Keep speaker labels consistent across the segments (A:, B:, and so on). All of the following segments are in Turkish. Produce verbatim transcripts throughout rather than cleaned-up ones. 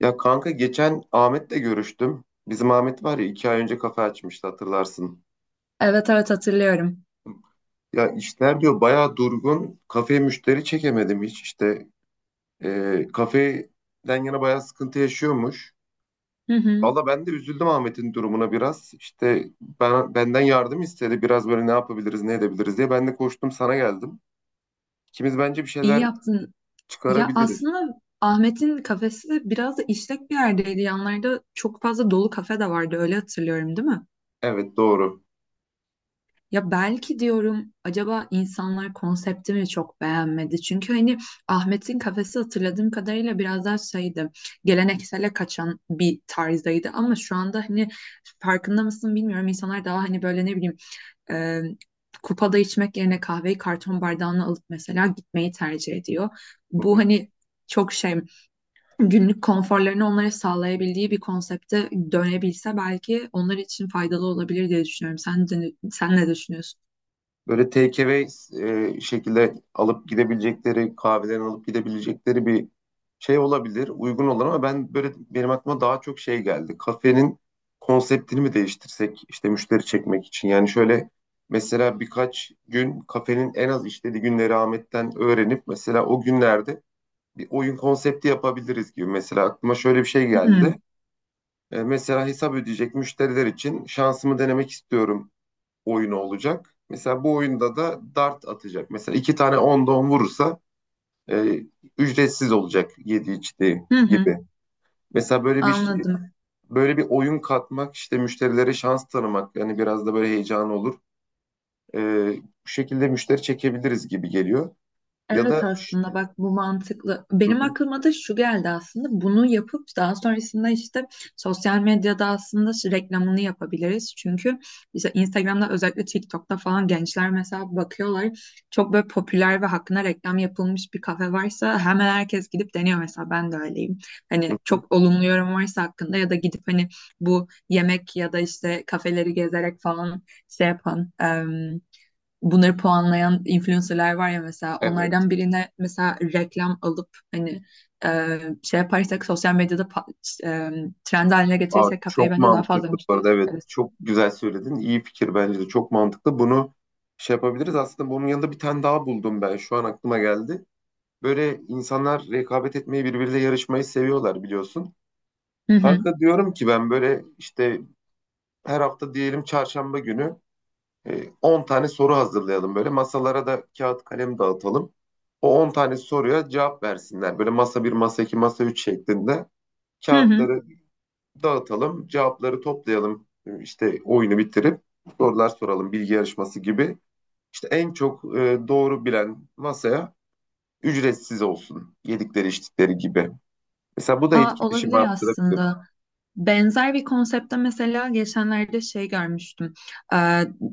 A: Ya kanka, geçen Ahmet'le görüştüm. Bizim Ahmet var ya, iki ay önce kafe açmıştı, hatırlarsın.
B: Evet evet hatırlıyorum.
A: Ya, işler diyor bayağı durgun. Kafeye müşteri çekemedim hiç işte. Ee, kafeden yana bayağı sıkıntı yaşıyormuş.
B: Hı hı.
A: Valla ben de üzüldüm Ahmet'in durumuna biraz. İşte ben, benden yardım istedi. Biraz böyle ne yapabiliriz, ne edebiliriz diye. Ben de koştum sana geldim. İkimiz bence bir
B: İyi
A: şeyler
B: yaptın. Ya
A: çıkarabiliriz.
B: aslında Ahmet'in kafesi de biraz da işlek bir yerdeydi. Yanlarda çok fazla dolu kafe de vardı. Öyle hatırlıyorum, değil mi?
A: Evet, doğru.
B: Ya belki diyorum acaba insanlar konseptimi çok beğenmedi. Çünkü hani Ahmet'in kafesi hatırladığım kadarıyla biraz daha şeydi. Geleneksele kaçan bir tarzdaydı ama şu anda hani farkında mısın bilmiyorum. İnsanlar daha hani böyle ne bileyim e, kupada içmek yerine kahveyi karton bardağına alıp mesela gitmeyi tercih ediyor. Bu hani çok şey günlük konforlarını onlara sağlayabildiği bir konsepte dönebilse belki onlar için faydalı olabilir diye düşünüyorum. Sen de, sen ne düşünüyorsun?
A: Böyle take away e, şekilde alıp gidebilecekleri, kahvelerini alıp gidebilecekleri bir şey olabilir, uygun olur ama ben böyle, benim aklıma daha çok şey geldi. Kafenin konseptini mi değiştirsek işte müşteri çekmek için? Yani şöyle, mesela birkaç gün kafenin en az işlediği günleri Ahmet'ten öğrenip mesela o günlerde bir oyun konsepti yapabiliriz gibi. Mesela aklıma şöyle bir şey geldi.
B: Hmm,
A: E, mesela hesap ödeyecek müşteriler için şansımı denemek istiyorum oyunu olacak. Mesela bu oyunda da dart atacak. Mesela iki tane onda on vurursa e, ücretsiz olacak yedi içtiği
B: hı hı,
A: gibi. Mesela böyle bir
B: anladım.
A: böyle bir oyun katmak işte, müşterilere şans tanımak, yani biraz da böyle heyecan olur. E, Bu şekilde müşteri çekebiliriz gibi geliyor. Ya
B: Evet
A: da
B: aslında bak bu mantıklı.
A: Hı
B: Benim
A: hı,
B: aklıma da şu geldi aslında. Bunu yapıp daha sonrasında işte sosyal medyada aslında şu reklamını yapabiliriz. Çünkü işte Instagram'da özellikle TikTok'ta falan gençler mesela bakıyorlar. Çok böyle popüler ve hakkında reklam yapılmış bir kafe varsa hemen herkes gidip deniyor, mesela ben de öyleyim. Hani
A: hı hı.
B: çok olumlu yorum varsa hakkında ya da gidip hani bu yemek ya da işte kafeleri gezerek falan şey yapan bunları puanlayan influencerlar var ya, mesela
A: Evet.
B: onlardan birine mesela reklam alıp hani e, şey yaparsak sosyal medyada pa- e, trend haline
A: Aa,
B: getirirsek kafayı
A: çok
B: bence daha fazla
A: mantıklı bu
B: müşteri
A: arada. Evet.
B: çekeriz.
A: Çok güzel söyledin. İyi fikir bence de. Çok mantıklı. Bunu şey yapabiliriz. Aslında bunun yanında bir tane daha buldum ben. Şu an aklıma geldi. Böyle insanlar rekabet etmeyi, birbiriyle yarışmayı seviyorlar biliyorsun.
B: Hı hı.
A: Kanka, diyorum ki ben böyle işte her hafta diyelim çarşamba günü e, on tane soru hazırlayalım böyle. Masalara da kağıt kalem dağıtalım. O on tane soruya cevap versinler. Böyle masa bir, masa iki, masa üç şeklinde
B: Hı hı.
A: kağıtları dağıtalım, cevapları toplayalım. E, İşte oyunu bitirip sorular soralım bilgi yarışması gibi. İşte en çok e, doğru bilen masaya ücretsiz olsun. Yedikleri içtikleri gibi. Mesela bu da
B: Aa,
A: etkileşimi
B: olabilir
A: arttırabilir.
B: aslında. Benzer bir konsepte mesela geçenlerde şey görmüştüm. Ee,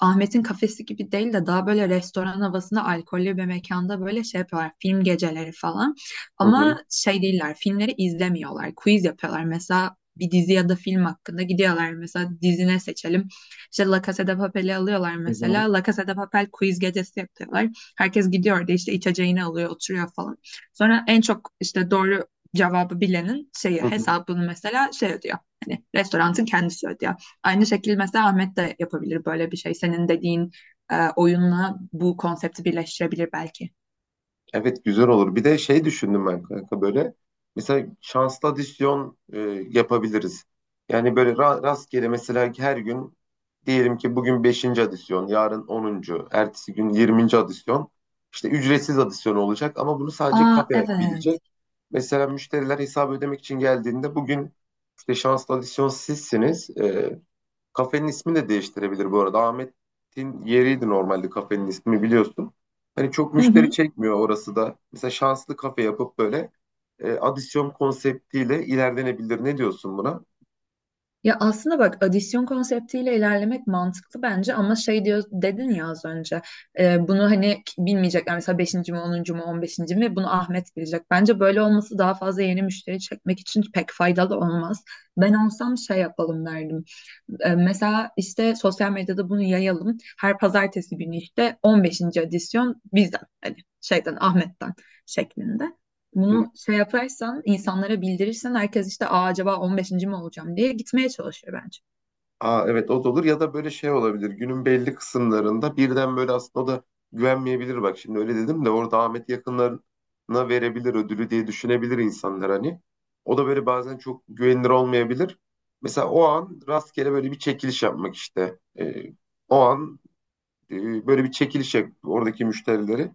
B: Ahmet'in kafesi gibi değil de daha böyle restoran havasında alkollü bir mekanda böyle şey yapıyorlar. Film geceleri falan.
A: Hı hı,
B: Ama şey değiller. Filmleri izlemiyorlar. Quiz yapıyorlar. Mesela bir dizi ya da film hakkında gidiyorlar. Mesela dizine seçelim. İşte La Casa de Papel'i alıyorlar
A: hı hı,
B: mesela. La Casa de Papel quiz gecesi yapıyorlar. Herkes gidiyor da işte içeceğini alıyor, oturuyor falan. Sonra en çok işte doğru cevabı bilenin şeyi,
A: hı hı.
B: hesabını mesela şey ödüyor. Hani restoranın kendisi ödüyor. Aynı şekilde mesela Ahmet de yapabilir böyle bir şey. Senin dediğin e, oyunla bu konsepti birleştirebilir belki.
A: Evet, güzel olur. Bir de şey düşündüm ben kanka, böyle. Mesela şanslı adisyon e, yapabiliriz. Yani böyle ra- rastgele, mesela her gün diyelim ki bugün beşinci adisyon, yarın onuncu, ertesi gün yirminci adisyon. İşte ücretsiz adisyon olacak ama bunu sadece
B: Aa
A: kafe
B: evet.
A: bilecek. Mesela müşteriler hesabı ödemek için geldiğinde bugün işte şanslı adisyon sizsiniz. E, Kafenin ismi de değiştirebilir bu arada. Ahmet'in yeriydi normalde kafenin ismi, biliyorsun. Hani çok
B: Hı
A: müşteri
B: hı.
A: çekmiyor orası da. Mesela şanslı kafe yapıp böyle e, adisyon konseptiyle ilerlenebilir. Ne diyorsun buna?
B: Ya aslında bak adisyon konseptiyle ilerlemek mantıklı bence ama şey diyor dedin ya az önce, e, bunu hani k- bilmeyecekler mesela beşinci mi onuncu mu on beşinci mi bunu Ahmet bilecek. Bence böyle olması daha fazla yeni müşteri çekmek için pek faydalı olmaz. Ben olsam şey yapalım derdim. E, mesela işte sosyal medyada bunu yayalım. Her pazartesi günü işte on beşinci adisyon bizden, hani şeyden Ahmet'ten şeklinde. Bunu şey yaparsan, insanlara bildirirsen herkes işte Aa, acaba on beşinci mi olacağım diye gitmeye çalışır bence.
A: Aa, evet, o da olur. Ya da böyle şey olabilir, günün belli kısımlarında birden böyle. Aslında o da güvenmeyebilir, bak şimdi öyle dedim de, orada Ahmet yakınlarına verebilir ödülü diye düşünebilir insanlar hani. O da böyle bazen çok güvenilir olmayabilir. Mesela o an rastgele böyle bir çekiliş yapmak işte. Ee, o an e, böyle bir çekiliş yap oradaki müşterileri.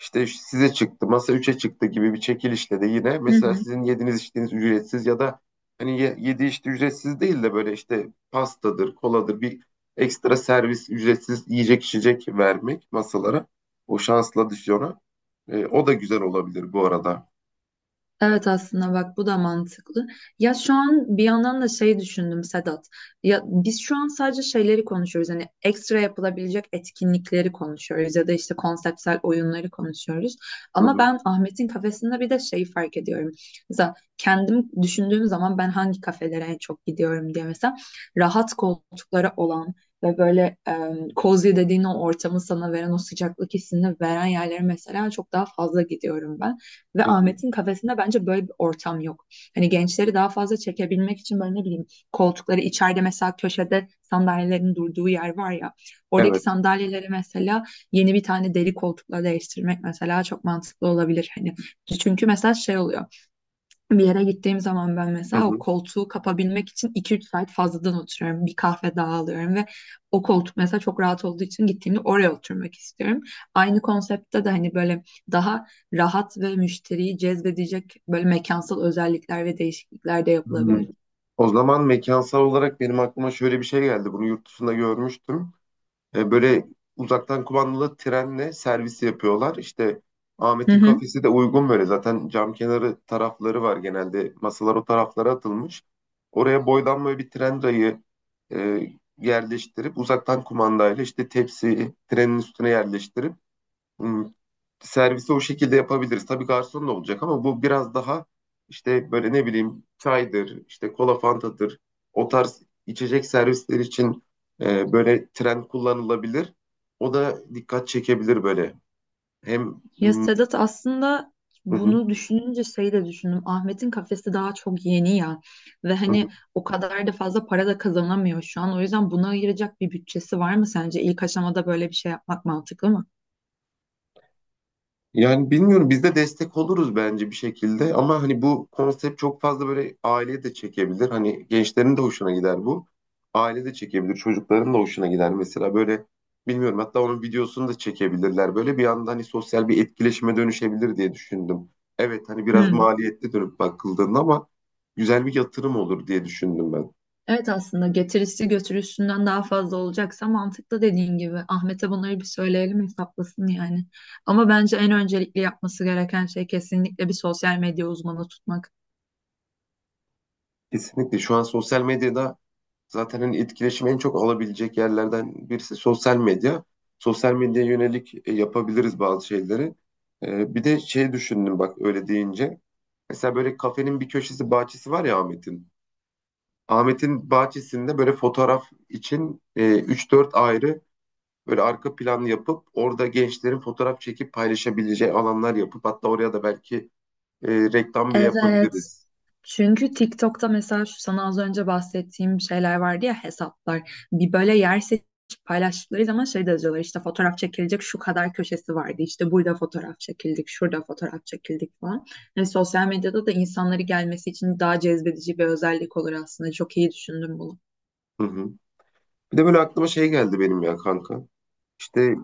A: İşte size çıktı, masa üçe çıktı gibi bir çekilişle de yine
B: Hı
A: mesela
B: hı.
A: sizin yediğiniz içtiğiniz ücretsiz, ya da hani ye- yedi içti ücretsiz değil de böyle işte pastadır, koladır, bir ekstra servis, ücretsiz yiyecek içecek vermek masalara. O şansla düşüyor. E, o da güzel olabilir bu arada.
B: Evet aslında bak bu da mantıklı. Ya şu an bir yandan da şey düşündüm Sedat. Ya biz şu an sadece şeyleri konuşuyoruz. Hani ekstra yapılabilecek etkinlikleri konuşuyoruz ya da işte konseptsel oyunları konuşuyoruz.
A: Hı
B: Ama
A: hı,
B: ben Ahmet'in kafesinde bir de şeyi fark ediyorum. Mesela kendim düşündüğüm zaman ben hangi kafelere en çok gidiyorum diye, mesela rahat koltukları olan ve böyle e, cozy dediğin o ortamı sana veren, o sıcaklık hissini veren yerlere mesela çok daha fazla gidiyorum ben. Ve
A: hı hı.
B: Ahmet'in kafesinde bence böyle bir ortam yok. Hani gençleri daha fazla çekebilmek için böyle ne bileyim, koltukları içeride mesela köşede sandalyelerin durduğu yer var ya. Oradaki
A: Evet.
B: sandalyeleri mesela yeni bir tane deri koltukla değiştirmek mesela çok mantıklı olabilir. Hani çünkü mesela şey oluyor. Bir yere gittiğim zaman ben
A: Hı
B: mesela o
A: hı.
B: koltuğu kapabilmek için iki üç saat fazladan oturuyorum. Bir kahve daha alıyorum ve o koltuk mesela çok rahat olduğu için gittiğimde oraya oturmak istiyorum. Aynı konseptte de hani böyle daha rahat ve müşteriyi cezbedecek böyle mekansal özellikler ve değişiklikler de
A: Hmm.
B: yapılabilir.
A: O zaman mekansal olarak benim aklıma şöyle bir şey geldi. Bunu yurt dışında görmüştüm. E, böyle uzaktan kumandalı trenle servis yapıyorlar. İşte
B: Hı
A: Ahmet'in
B: hı.
A: kafesi de uygun böyle. Zaten cam kenarı tarafları var genelde. Masalar o taraflara atılmış. Oraya boydan böyle bir tren rayı e, yerleştirip, uzaktan kumandayla işte tepsi trenin üstüne yerleştirip, hmm, servisi o şekilde yapabiliriz. Tabii garson da olacak ama bu biraz daha işte böyle, ne bileyim, çaydır, işte kola fantadır. O tarz içecek servisler için e, böyle tren kullanılabilir. O da dikkat çekebilir böyle. Hem
B: Ya
A: Hı
B: Sedat aslında
A: hı.
B: bunu düşününce şey de düşündüm. Ahmet'in kafesi daha çok yeni ya ve
A: Hı.
B: hani o kadar da fazla para da kazanamıyor şu an. O yüzden buna ayıracak bir bütçesi var mı sence? İlk aşamada böyle bir şey yapmak mantıklı mı?
A: Yani bilmiyorum, biz de destek oluruz bence bir şekilde ama hani bu konsept çok fazla, böyle aileye de çekebilir. Hani gençlerin de hoşuna gider bu. Aile de çekebilir, çocukların da hoşuna gider. Mesela böyle, bilmiyorum, hatta onun videosunu da çekebilirler. Böyle bir anda hani sosyal bir etkileşime dönüşebilir diye düşündüm. Evet, hani biraz
B: Hmm.
A: maliyetli dönüp bakıldığında ama güzel bir yatırım olur diye düşündüm ben.
B: Evet aslında getirisi götürüsünden daha fazla olacaksa mantıklı dediğin gibi. Ahmet'e bunları bir söyleyelim hesaplasın yani. Ama bence en öncelikli yapması gereken şey kesinlikle bir sosyal medya uzmanı tutmak.
A: Kesinlikle şu an sosyal medyada. Zaten hani etkileşimi en çok alabilecek yerlerden birisi sosyal medya. Sosyal medyaya yönelik e, yapabiliriz bazı şeyleri. E, bir de şey düşündüm bak öyle deyince. Mesela böyle kafenin bir köşesi, bahçesi var ya Ahmet'in. Ahmet'in bahçesinde böyle fotoğraf için e, üç dört ayrı böyle arka plan yapıp orada gençlerin fotoğraf çekip paylaşabileceği alanlar yapıp, hatta oraya da belki e, reklam bile
B: Evet.
A: yapabiliriz.
B: Çünkü TikTok'ta mesela şu sana az önce bahsettiğim şeyler vardı ya, hesaplar. Bir böyle yer seçip paylaştıkları zaman şey de yazıyorlar, işte fotoğraf çekilecek şu kadar köşesi vardı. İşte burada fotoğraf çekildik, şurada fotoğraf çekildik falan. Yani sosyal medyada da insanları gelmesi için daha cezbedici bir özellik olur aslında. Çok iyi düşündüm bunu.
A: Hı hı. Bir de böyle aklıma şey geldi benim, ya kanka. İşte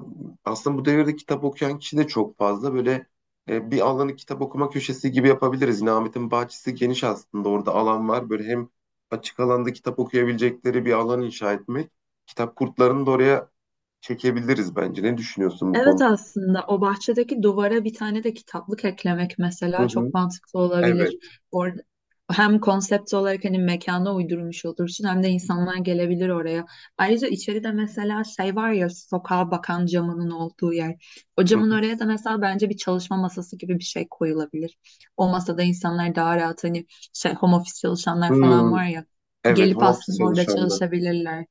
A: aslında bu devirde kitap okuyan kişi de çok fazla. Böyle e, bir alanı kitap okuma köşesi gibi yapabiliriz. Yine Ahmet'in bahçesi geniş aslında. Orada alan var. Böyle hem açık alanda kitap okuyabilecekleri bir alan inşa etmek. Kitap kurtlarını da oraya çekebiliriz bence. Ne düşünüyorsun bu
B: Evet
A: konuda?
B: aslında o bahçedeki duvara bir tane de kitaplık eklemek
A: Hı
B: mesela
A: hı.
B: çok mantıklı
A: Evet.
B: olabilir. Orada hem konsept olarak hani mekana uydurmuş olursun hem de insanlar gelebilir oraya. Ayrıca içeride mesela şey var ya, sokağa bakan camının olduğu yer. O
A: Hı
B: camın
A: hı.
B: oraya da mesela bence bir çalışma masası gibi bir şey koyulabilir. O masada insanlar daha rahat hani şey, home office çalışanlar falan
A: Hı.
B: var ya,
A: Evet,
B: gelip
A: home office
B: aslında orada
A: çalışanlar.
B: çalışabilirler.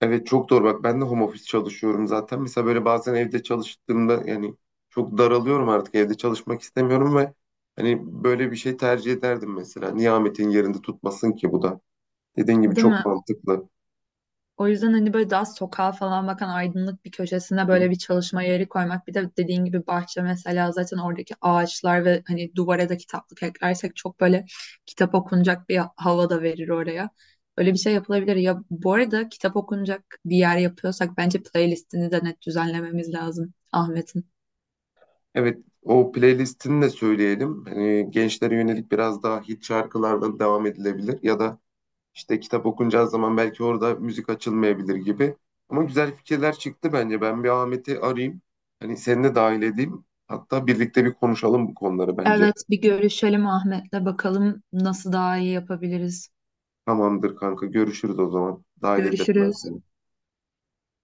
A: Evet, çok doğru bak, ben de home office çalışıyorum zaten. Mesela böyle bazen evde çalıştığımda, yani çok daralıyorum, artık evde çalışmak istemiyorum ve hani böyle bir şey tercih ederdim mesela. Niye Ahmet'in yerinde tutmasın ki bu da? Dediğin gibi
B: Değil
A: çok
B: mi?
A: mantıklı.
B: O yüzden hani böyle daha sokağa falan bakan aydınlık bir köşesine
A: Hı.
B: böyle bir çalışma yeri koymak. Bir de dediğin gibi bahçe mesela, zaten oradaki ağaçlar ve hani duvara da kitaplık eklersek çok böyle kitap okunacak bir hava da verir oraya. Öyle bir şey yapılabilir. Ya bu arada kitap okunacak bir yer yapıyorsak bence playlistini de net düzenlememiz lazım Ahmet'in.
A: Evet, o playlistini de söyleyelim. Hani gençlere yönelik biraz daha hit şarkılarla devam edilebilir, ya da İşte kitap okunacağı zaman belki orada müzik açılmayabilir gibi. Ama güzel fikirler çıktı bence. Ben bir Ahmet'i arayayım. Hani seni de dahil edeyim. Hatta birlikte bir konuşalım bu konuları
B: Evet
A: bence.
B: bir görüşelim Ahmet'le bakalım nasıl daha iyi yapabiliriz.
A: Tamamdır kanka, görüşürüz o zaman. Dahil ederim ben
B: Görüşürüz.
A: seni.